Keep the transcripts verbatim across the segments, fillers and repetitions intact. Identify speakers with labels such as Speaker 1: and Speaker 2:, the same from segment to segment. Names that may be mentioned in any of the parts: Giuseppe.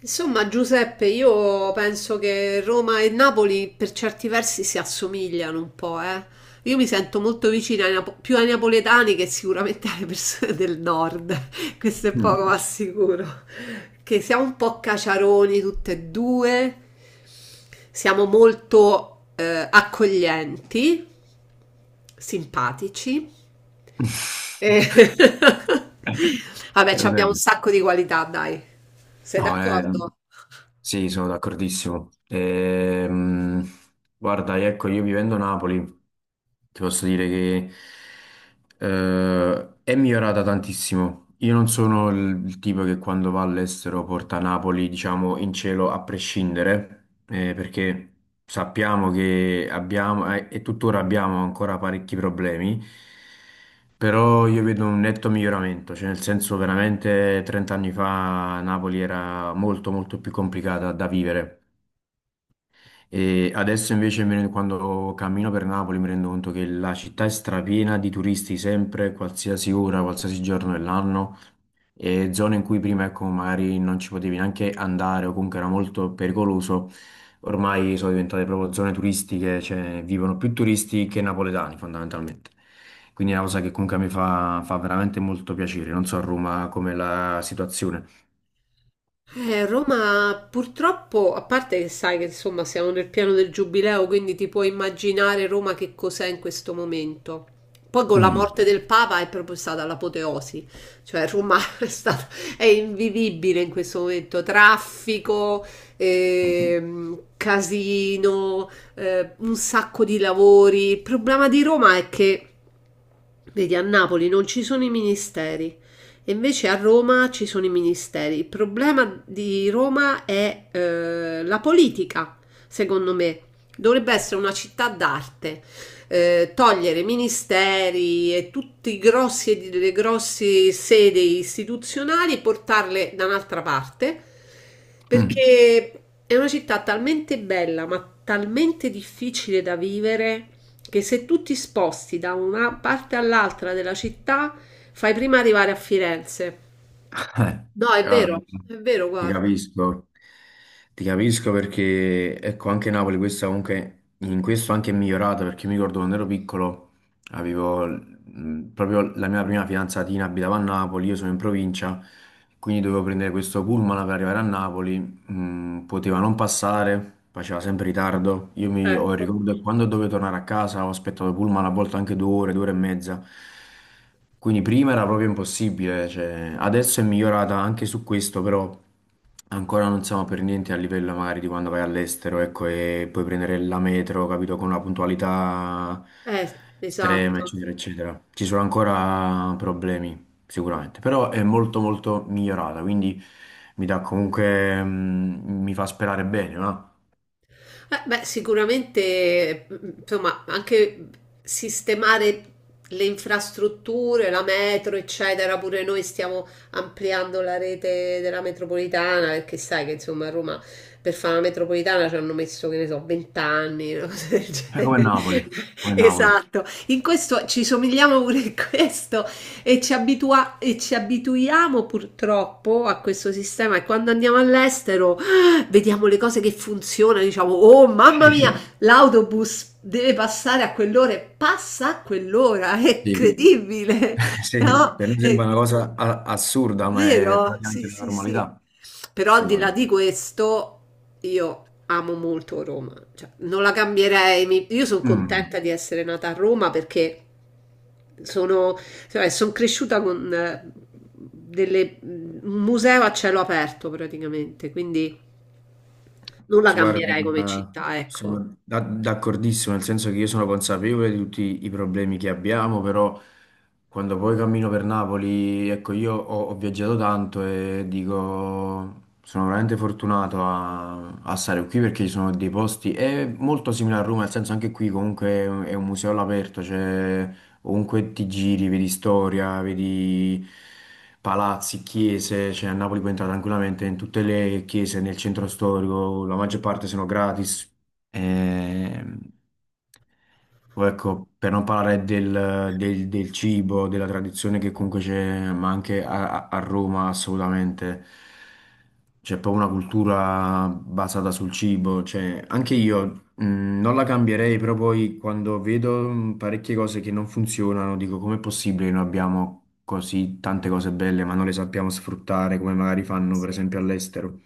Speaker 1: Insomma, Giuseppe, io penso che Roma e Napoli per certi versi si assomigliano un po', eh. Io mi sento molto vicina ai napo- più ai napoletani che sicuramente alle persone del nord, questo è
Speaker 2: Mm.
Speaker 1: poco ma sicuro, che siamo un po' caciaroni tutte e due, siamo molto eh, accoglienti, simpatici e
Speaker 2: È
Speaker 1: vabbè, ci abbiamo un
Speaker 2: vero.
Speaker 1: sacco di qualità, dai. Sei
Speaker 2: No, è-
Speaker 1: d'accordo?
Speaker 2: Sì, sono d'accordissimo. Ehm, guarda, ecco, io vivendo a Napoli, ti posso dire che eh, è migliorata tantissimo. Io non sono il, il tipo che quando va all'estero porta Napoli, diciamo, in cielo a prescindere, eh, perché... sappiamo che abbiamo eh, e tuttora abbiamo ancora parecchi problemi, però io vedo un netto miglioramento, cioè nel senso veramente trenta anni fa Napoli era molto molto più complicata da vivere e adesso invece mi rendo- quando cammino per Napoli mi rendo conto che la città è strapiena di turisti sempre, qualsiasi ora, qualsiasi giorno dell'anno e zone in cui prima, ecco, magari non ci potevi neanche andare o comunque era molto pericoloso, ormai sono diventate proprio zone turistiche, cioè vivono più turisti che napoletani fondamentalmente. Quindi è una cosa che comunque a me fa, fa veramente molto piacere. Non so a Roma com'è la situazione.
Speaker 1: Eh, Roma purtroppo, a parte che sai che insomma siamo nel piano del giubileo, quindi ti puoi immaginare Roma che cos'è in questo momento. Poi con la Mm.
Speaker 2: Mm.
Speaker 1: morte del Papa è proprio stata l'apoteosi, cioè Roma è stata, è invivibile in questo momento, traffico,
Speaker 2: Mm.
Speaker 1: ehm, casino, eh, un sacco di lavori. Il problema di Roma è che vedi, a Napoli non ci sono i ministeri e invece a Roma ci sono i ministeri. Il problema di Roma è eh, la politica, secondo me. Dovrebbe essere una città d'arte. Eh, togliere ministeri e tutti i grossi, le grosse sedi istituzionali e portarle da un'altra parte,
Speaker 2: Mm.
Speaker 1: perché è una città talmente bella, ma talmente difficile da vivere che se tu ti sposti da una parte all'altra della città, fai prima arrivare a Firenze.
Speaker 2: Eh,
Speaker 1: No, è
Speaker 2: guarda.
Speaker 1: vero, è vero,
Speaker 2: Ti
Speaker 1: guarda.
Speaker 2: capisco, ti capisco perché ecco anche Napoli questa comunque in questo anche è migliorata perché mi ricordo quando ero piccolo avevo mh, proprio la mia prima fidanzatina abitava a Napoli, io sono in provincia, quindi dovevo prendere questo pullman per arrivare a Napoli mm, poteva non passare, faceva sempre ritardo. Io mi ho il
Speaker 1: Ecco,
Speaker 2: ricordo che quando dovevo tornare a casa ho aspettato il pullman a volte anche due ore, due ore e mezza. Quindi prima era proprio impossibile, cioè, adesso è migliorata anche su questo, però ancora non siamo per niente a livello magari di quando vai all'estero, ecco, e puoi prendere la metro, capito, con una puntualità
Speaker 1: eh,
Speaker 2: estrema,
Speaker 1: esatto.
Speaker 2: eccetera, eccetera. Ci sono ancora problemi sicuramente, però è molto molto migliorata, quindi mi dà comunque, mm, mi fa sperare bene, no?
Speaker 1: Eh, beh, sicuramente, mm, insomma, anche sistemare le infrastrutture, la metro, eccetera, pure noi stiamo ampliando la rete della metropolitana, perché sai che insomma a Roma per fare la metropolitana ci hanno messo, che ne so, venti anni, una cosa del
Speaker 2: È come
Speaker 1: genere.
Speaker 2: Napoli, come Napoli.
Speaker 1: Esatto, in questo ci somigliamo pure in questo e ci abitua- e ci abituiamo purtroppo a questo sistema e quando andiamo all'estero vediamo le cose che funzionano, diciamo, oh mamma
Speaker 2: Sì,
Speaker 1: mia, l'autobus deve passare a quell'ora e passa a quell'ora, è
Speaker 2: sì,
Speaker 1: incredibile,
Speaker 2: sì,
Speaker 1: no?
Speaker 2: per me
Speaker 1: È
Speaker 2: sembra una cosa a- assurda, ma è
Speaker 1: vero? Sì,
Speaker 2: praticamente la
Speaker 1: sì, sì.
Speaker 2: normalità.
Speaker 1: Però al di là
Speaker 2: Assolutamente.
Speaker 1: di questo, io amo molto Roma, cioè, non la cambierei, mi- io sono
Speaker 2: Mm.
Speaker 1: contenta di essere nata a Roma perché sono, cioè, son cresciuta con... eh, delle- un museo a cielo aperto praticamente, quindi non la
Speaker 2: Si guarda,
Speaker 1: cambierei come
Speaker 2: eh,
Speaker 1: città, ecco.
Speaker 2: sono da- d'accordissimo, nel senso che io sono consapevole di tutti i problemi che abbiamo, però quando poi cammino per Napoli, ecco, io ho, ho viaggiato tanto e dico, sono veramente fortunato a, a stare qui perché ci sono dei posti, è molto simile a Roma, nel senso anche qui comunque è un museo all'aperto, cioè ovunque ti giri, vedi storia, vedi palazzi, chiese, cioè a Napoli puoi entrare tranquillamente in tutte le chiese nel centro storico, la maggior parte sono gratis. Ehm, o ecco, per non parlare del, del- del cibo, della tradizione che comunque c'è, ma anche a, a Roma assolutamente. C'è proprio una cultura basata sul cibo. Cioè, anche io mh, non la cambierei, però poi quando vedo mh, parecchie cose che non funzionano, dico com'è possibile che noi abbiamo così tante cose belle, ma non le sappiamo sfruttare come magari fanno per
Speaker 1: Sì.
Speaker 2: esempio all'estero.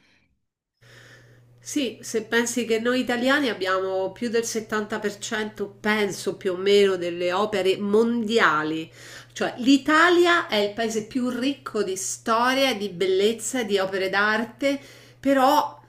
Speaker 1: Sì, se pensi che noi italiani abbiamo più del settanta per cento, penso più o meno, delle opere mondiali, cioè l'Italia è il paese più ricco di storia, di bellezza, di opere d'arte, però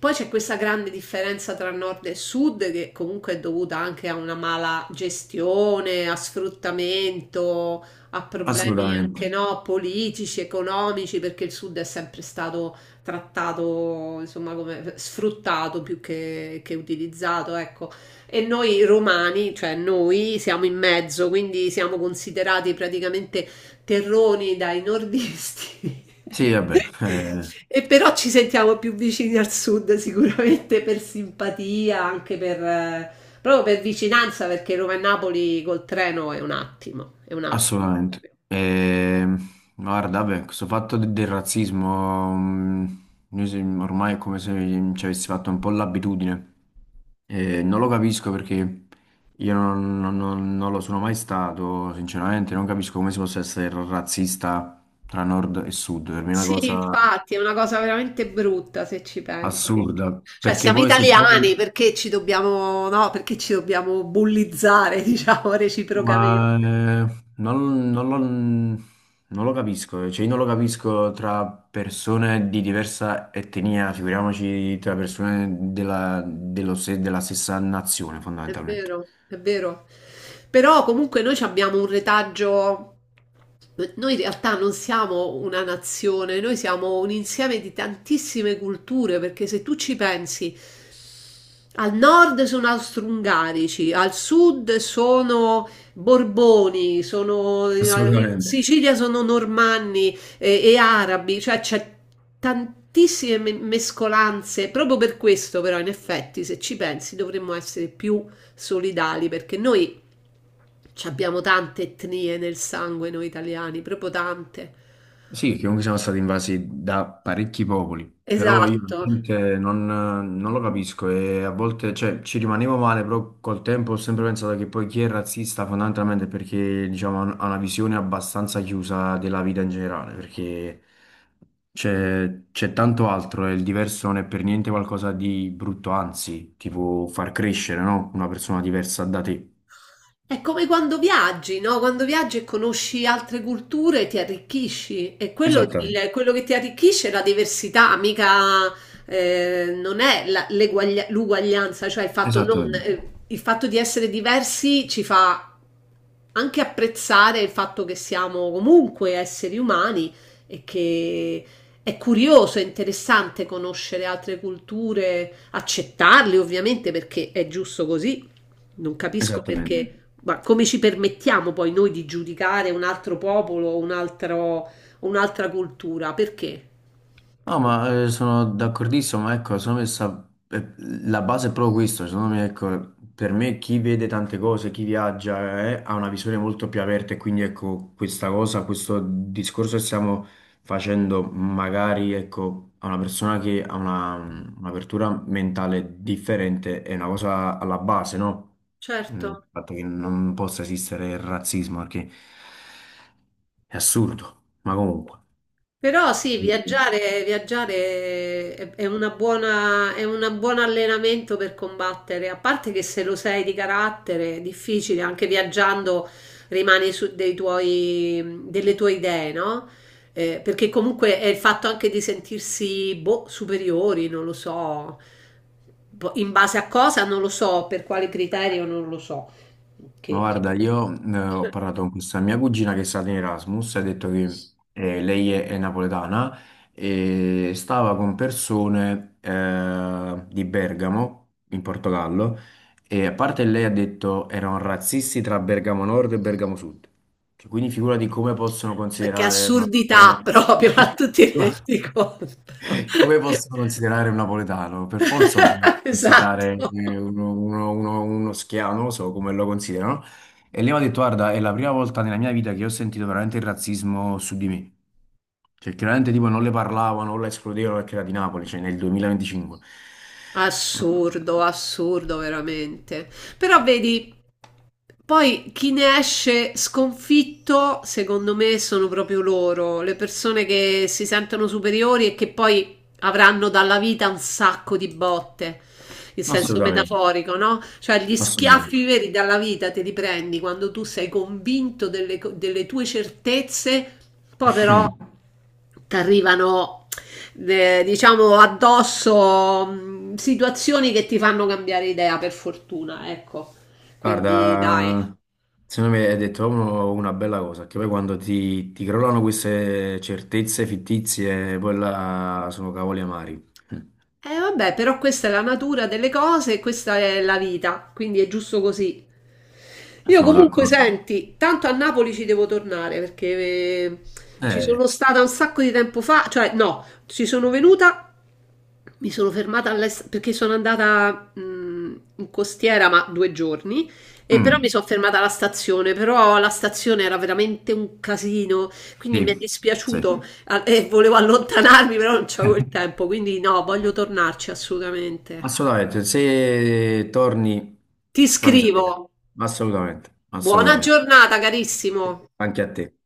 Speaker 1: poi c'è questa grande differenza tra nord e sud che comunque è dovuta anche a una mala gestione, a sfruttamento, a problemi
Speaker 2: Assolutamente.
Speaker 1: anche no, politici, economici, perché il sud è sempre stato trattato, insomma, come sfruttato più che, che utilizzato, ecco. E noi romani, cioè noi, siamo in mezzo, quindi siamo considerati praticamente terroni dai nordisti.
Speaker 2: Sì, vabbè, eh,
Speaker 1: E però ci sentiamo più vicini al sud sicuramente per simpatia, anche per, eh, proprio per vicinanza, perché Roma e Napoli col treno è un attimo, è un attimo.
Speaker 2: assolutamente. E, guarda, vabbè, questo fatto de- del razzismo, mh, noi se- ormai è come se ci avessi fatto un po' l'abitudine. E non lo capisco perché io non, non- non- non lo sono mai stato, sinceramente, non capisco come si possa essere razzista tra nord e sud. Per me è una
Speaker 1: Sì,
Speaker 2: cosa
Speaker 1: infatti, è una cosa veramente brutta se ci pensi.
Speaker 2: assurda,
Speaker 1: Cioè,
Speaker 2: perché
Speaker 1: siamo
Speaker 2: poi se
Speaker 1: italiani
Speaker 2: poi...
Speaker 1: perché ci dobbiamo, no, perché ci dobbiamo bullizzare, diciamo, reciprocamente.
Speaker 2: Ma eh, non, non lo, non lo capisco, cioè io non lo capisco tra persone di diversa etnia, figuriamoci tra persone della, dello se- della stessa nazione
Speaker 1: È
Speaker 2: fondamentalmente.
Speaker 1: vero, è vero. Però comunque noi ci abbiamo un retaggio. Noi in realtà non siamo una nazione, noi siamo un insieme di tantissime culture, perché se tu ci pensi, al nord sono austro-ungarici, al sud sono Borboni, sono, in
Speaker 2: Assolutamente.
Speaker 1: Sicilia sono normanni e, e arabi, cioè c'è tantissime me- mescolanze. Proprio per questo, però, in effetti, se ci pensi, dovremmo essere più solidali perché noi ci abbiamo tante etnie nel sangue, noi italiani, proprio tante.
Speaker 2: Sì, che comunque siamo stati invasi da parecchi popoli, però io
Speaker 1: Esatto.
Speaker 2: veramente non, non lo capisco e a volte cioè, ci rimanevo male, però col tempo ho sempre pensato che poi chi è razzista fondamentalmente è perché diciamo, ha una visione abbastanza chiusa della vita in generale, perché c'è c'è tanto altro e il diverso non è per niente qualcosa di brutto, anzi, tipo far crescere, no? Una persona diversa da te.
Speaker 1: È come quando viaggi, no? Quando viaggi e conosci altre culture ti arricchisci e quello,
Speaker 2: Esattamente,
Speaker 1: il- quello che ti arricchisce è la diversità, mica eh, non è la- l'eguaglia- l'uguaglianza, cioè il fatto, non-
Speaker 2: esattamente,
Speaker 1: eh, il fatto di essere diversi ci fa anche apprezzare il fatto che siamo comunque esseri umani e che è curioso, è interessante conoscere altre culture, accettarle ovviamente perché è giusto così. Non capisco
Speaker 2: esattamente.
Speaker 1: perché, ma come ci permettiamo poi noi di giudicare un altro popolo, un altro- un'altra cultura? Perché?
Speaker 2: No, ma eh, sono d'accordissimo, ma ecco, secondo me sta- eh, la base è proprio questo, secondo me, ecco, per me chi vede tante cose, chi viaggia, eh, ha una visione molto più aperta e quindi ecco, questa cosa, questo discorso che stiamo facendo, magari ecco, a una persona che ha una- un'apertura mentale differente, è una cosa alla base, no?
Speaker 1: Certo.
Speaker 2: Mm, il fatto che non possa esistere il razzismo, perché è assurdo, ma comunque.
Speaker 1: Però sì, viaggiare, viaggiare è, è una buona, è un buon allenamento per combattere, a parte che se lo sei di carattere è difficile, anche viaggiando rimani su dei tuoi, delle tue idee, no? Eh, perché comunque è il fatto anche di sentirsi boh, superiori, non lo so, boh, in base a cosa non lo so, per quale criterio non lo so,
Speaker 2: Ma
Speaker 1: che, che-
Speaker 2: guarda, io eh, ho parlato con questa mia cugina che è stata in Erasmus, ha detto che eh, lei è, è napoletana e stava con persone eh, di Bergamo, in Portogallo, e a parte lei ha detto erano razzisti tra Bergamo Nord e Bergamo Sud. Cioè, quindi figurati come possono
Speaker 1: cioè che
Speaker 2: considerare una
Speaker 1: assurdità
Speaker 2: persona...
Speaker 1: proprio,
Speaker 2: Cioè,
Speaker 1: ma tu ti rendi conto?
Speaker 2: come posso considerare un napoletano? Per forza lo devo considerare
Speaker 1: Esatto.
Speaker 2: eh, uno, uno, uno, uno schiavo, non lo so come lo considerano. E lei mi ha detto, guarda, è la prima volta nella mia vita che ho sentito veramente il razzismo su di me. Cioè, chiaramente tipo non le parlavano, non la escludevano perché era di Napoli, cioè nel duemilaventicinque.
Speaker 1: Assurdo, assurdo veramente. Però vedi, poi chi ne esce sconfitto, secondo me, sono proprio loro, le persone che si sentono superiori e che poi avranno dalla vita un sacco di botte, in senso
Speaker 2: Assolutamente,
Speaker 1: metaforico, no? Cioè gli
Speaker 2: assolutamente.
Speaker 1: schiaffi veri dalla vita te li prendi quando tu sei convinto delle, co- delle tue certezze, poi però ti arrivano, eh, diciamo, addosso mh, situazioni che ti fanno cambiare idea, per fortuna, ecco. Quindi dai.
Speaker 2: Guarda, secondo me hai detto proprio una bella cosa, che poi quando ti, ti crollano queste certezze fittizie, poi là sono cavoli amari.
Speaker 1: Eh vabbè, però questa è la natura delle cose, questa è la vita, quindi è giusto così. Io
Speaker 2: Sono
Speaker 1: comunque
Speaker 2: d'accordo.
Speaker 1: senti, tanto a Napoli ci devo tornare perché eh, ci
Speaker 2: Eh,
Speaker 1: sono stata un sacco di tempo fa, cioè no, ci sono venuta, mi sono fermata all'est- perché sono andata mh, in costiera, ma due giorni, e però
Speaker 2: mm,
Speaker 1: mi sono fermata alla stazione, però la stazione era veramente un casino, quindi mi è
Speaker 2: sì, sì.
Speaker 1: dispiaciuto a- e volevo allontanarmi, però non c'avevo
Speaker 2: Eh,
Speaker 1: il tempo, quindi no, voglio tornarci assolutamente.
Speaker 2: assolutamente, se torni
Speaker 1: Ti
Speaker 2: fammi sapere.
Speaker 1: scrivo.
Speaker 2: Assolutamente,
Speaker 1: Buona
Speaker 2: assolutamente.
Speaker 1: giornata, carissimo.
Speaker 2: Anche a te.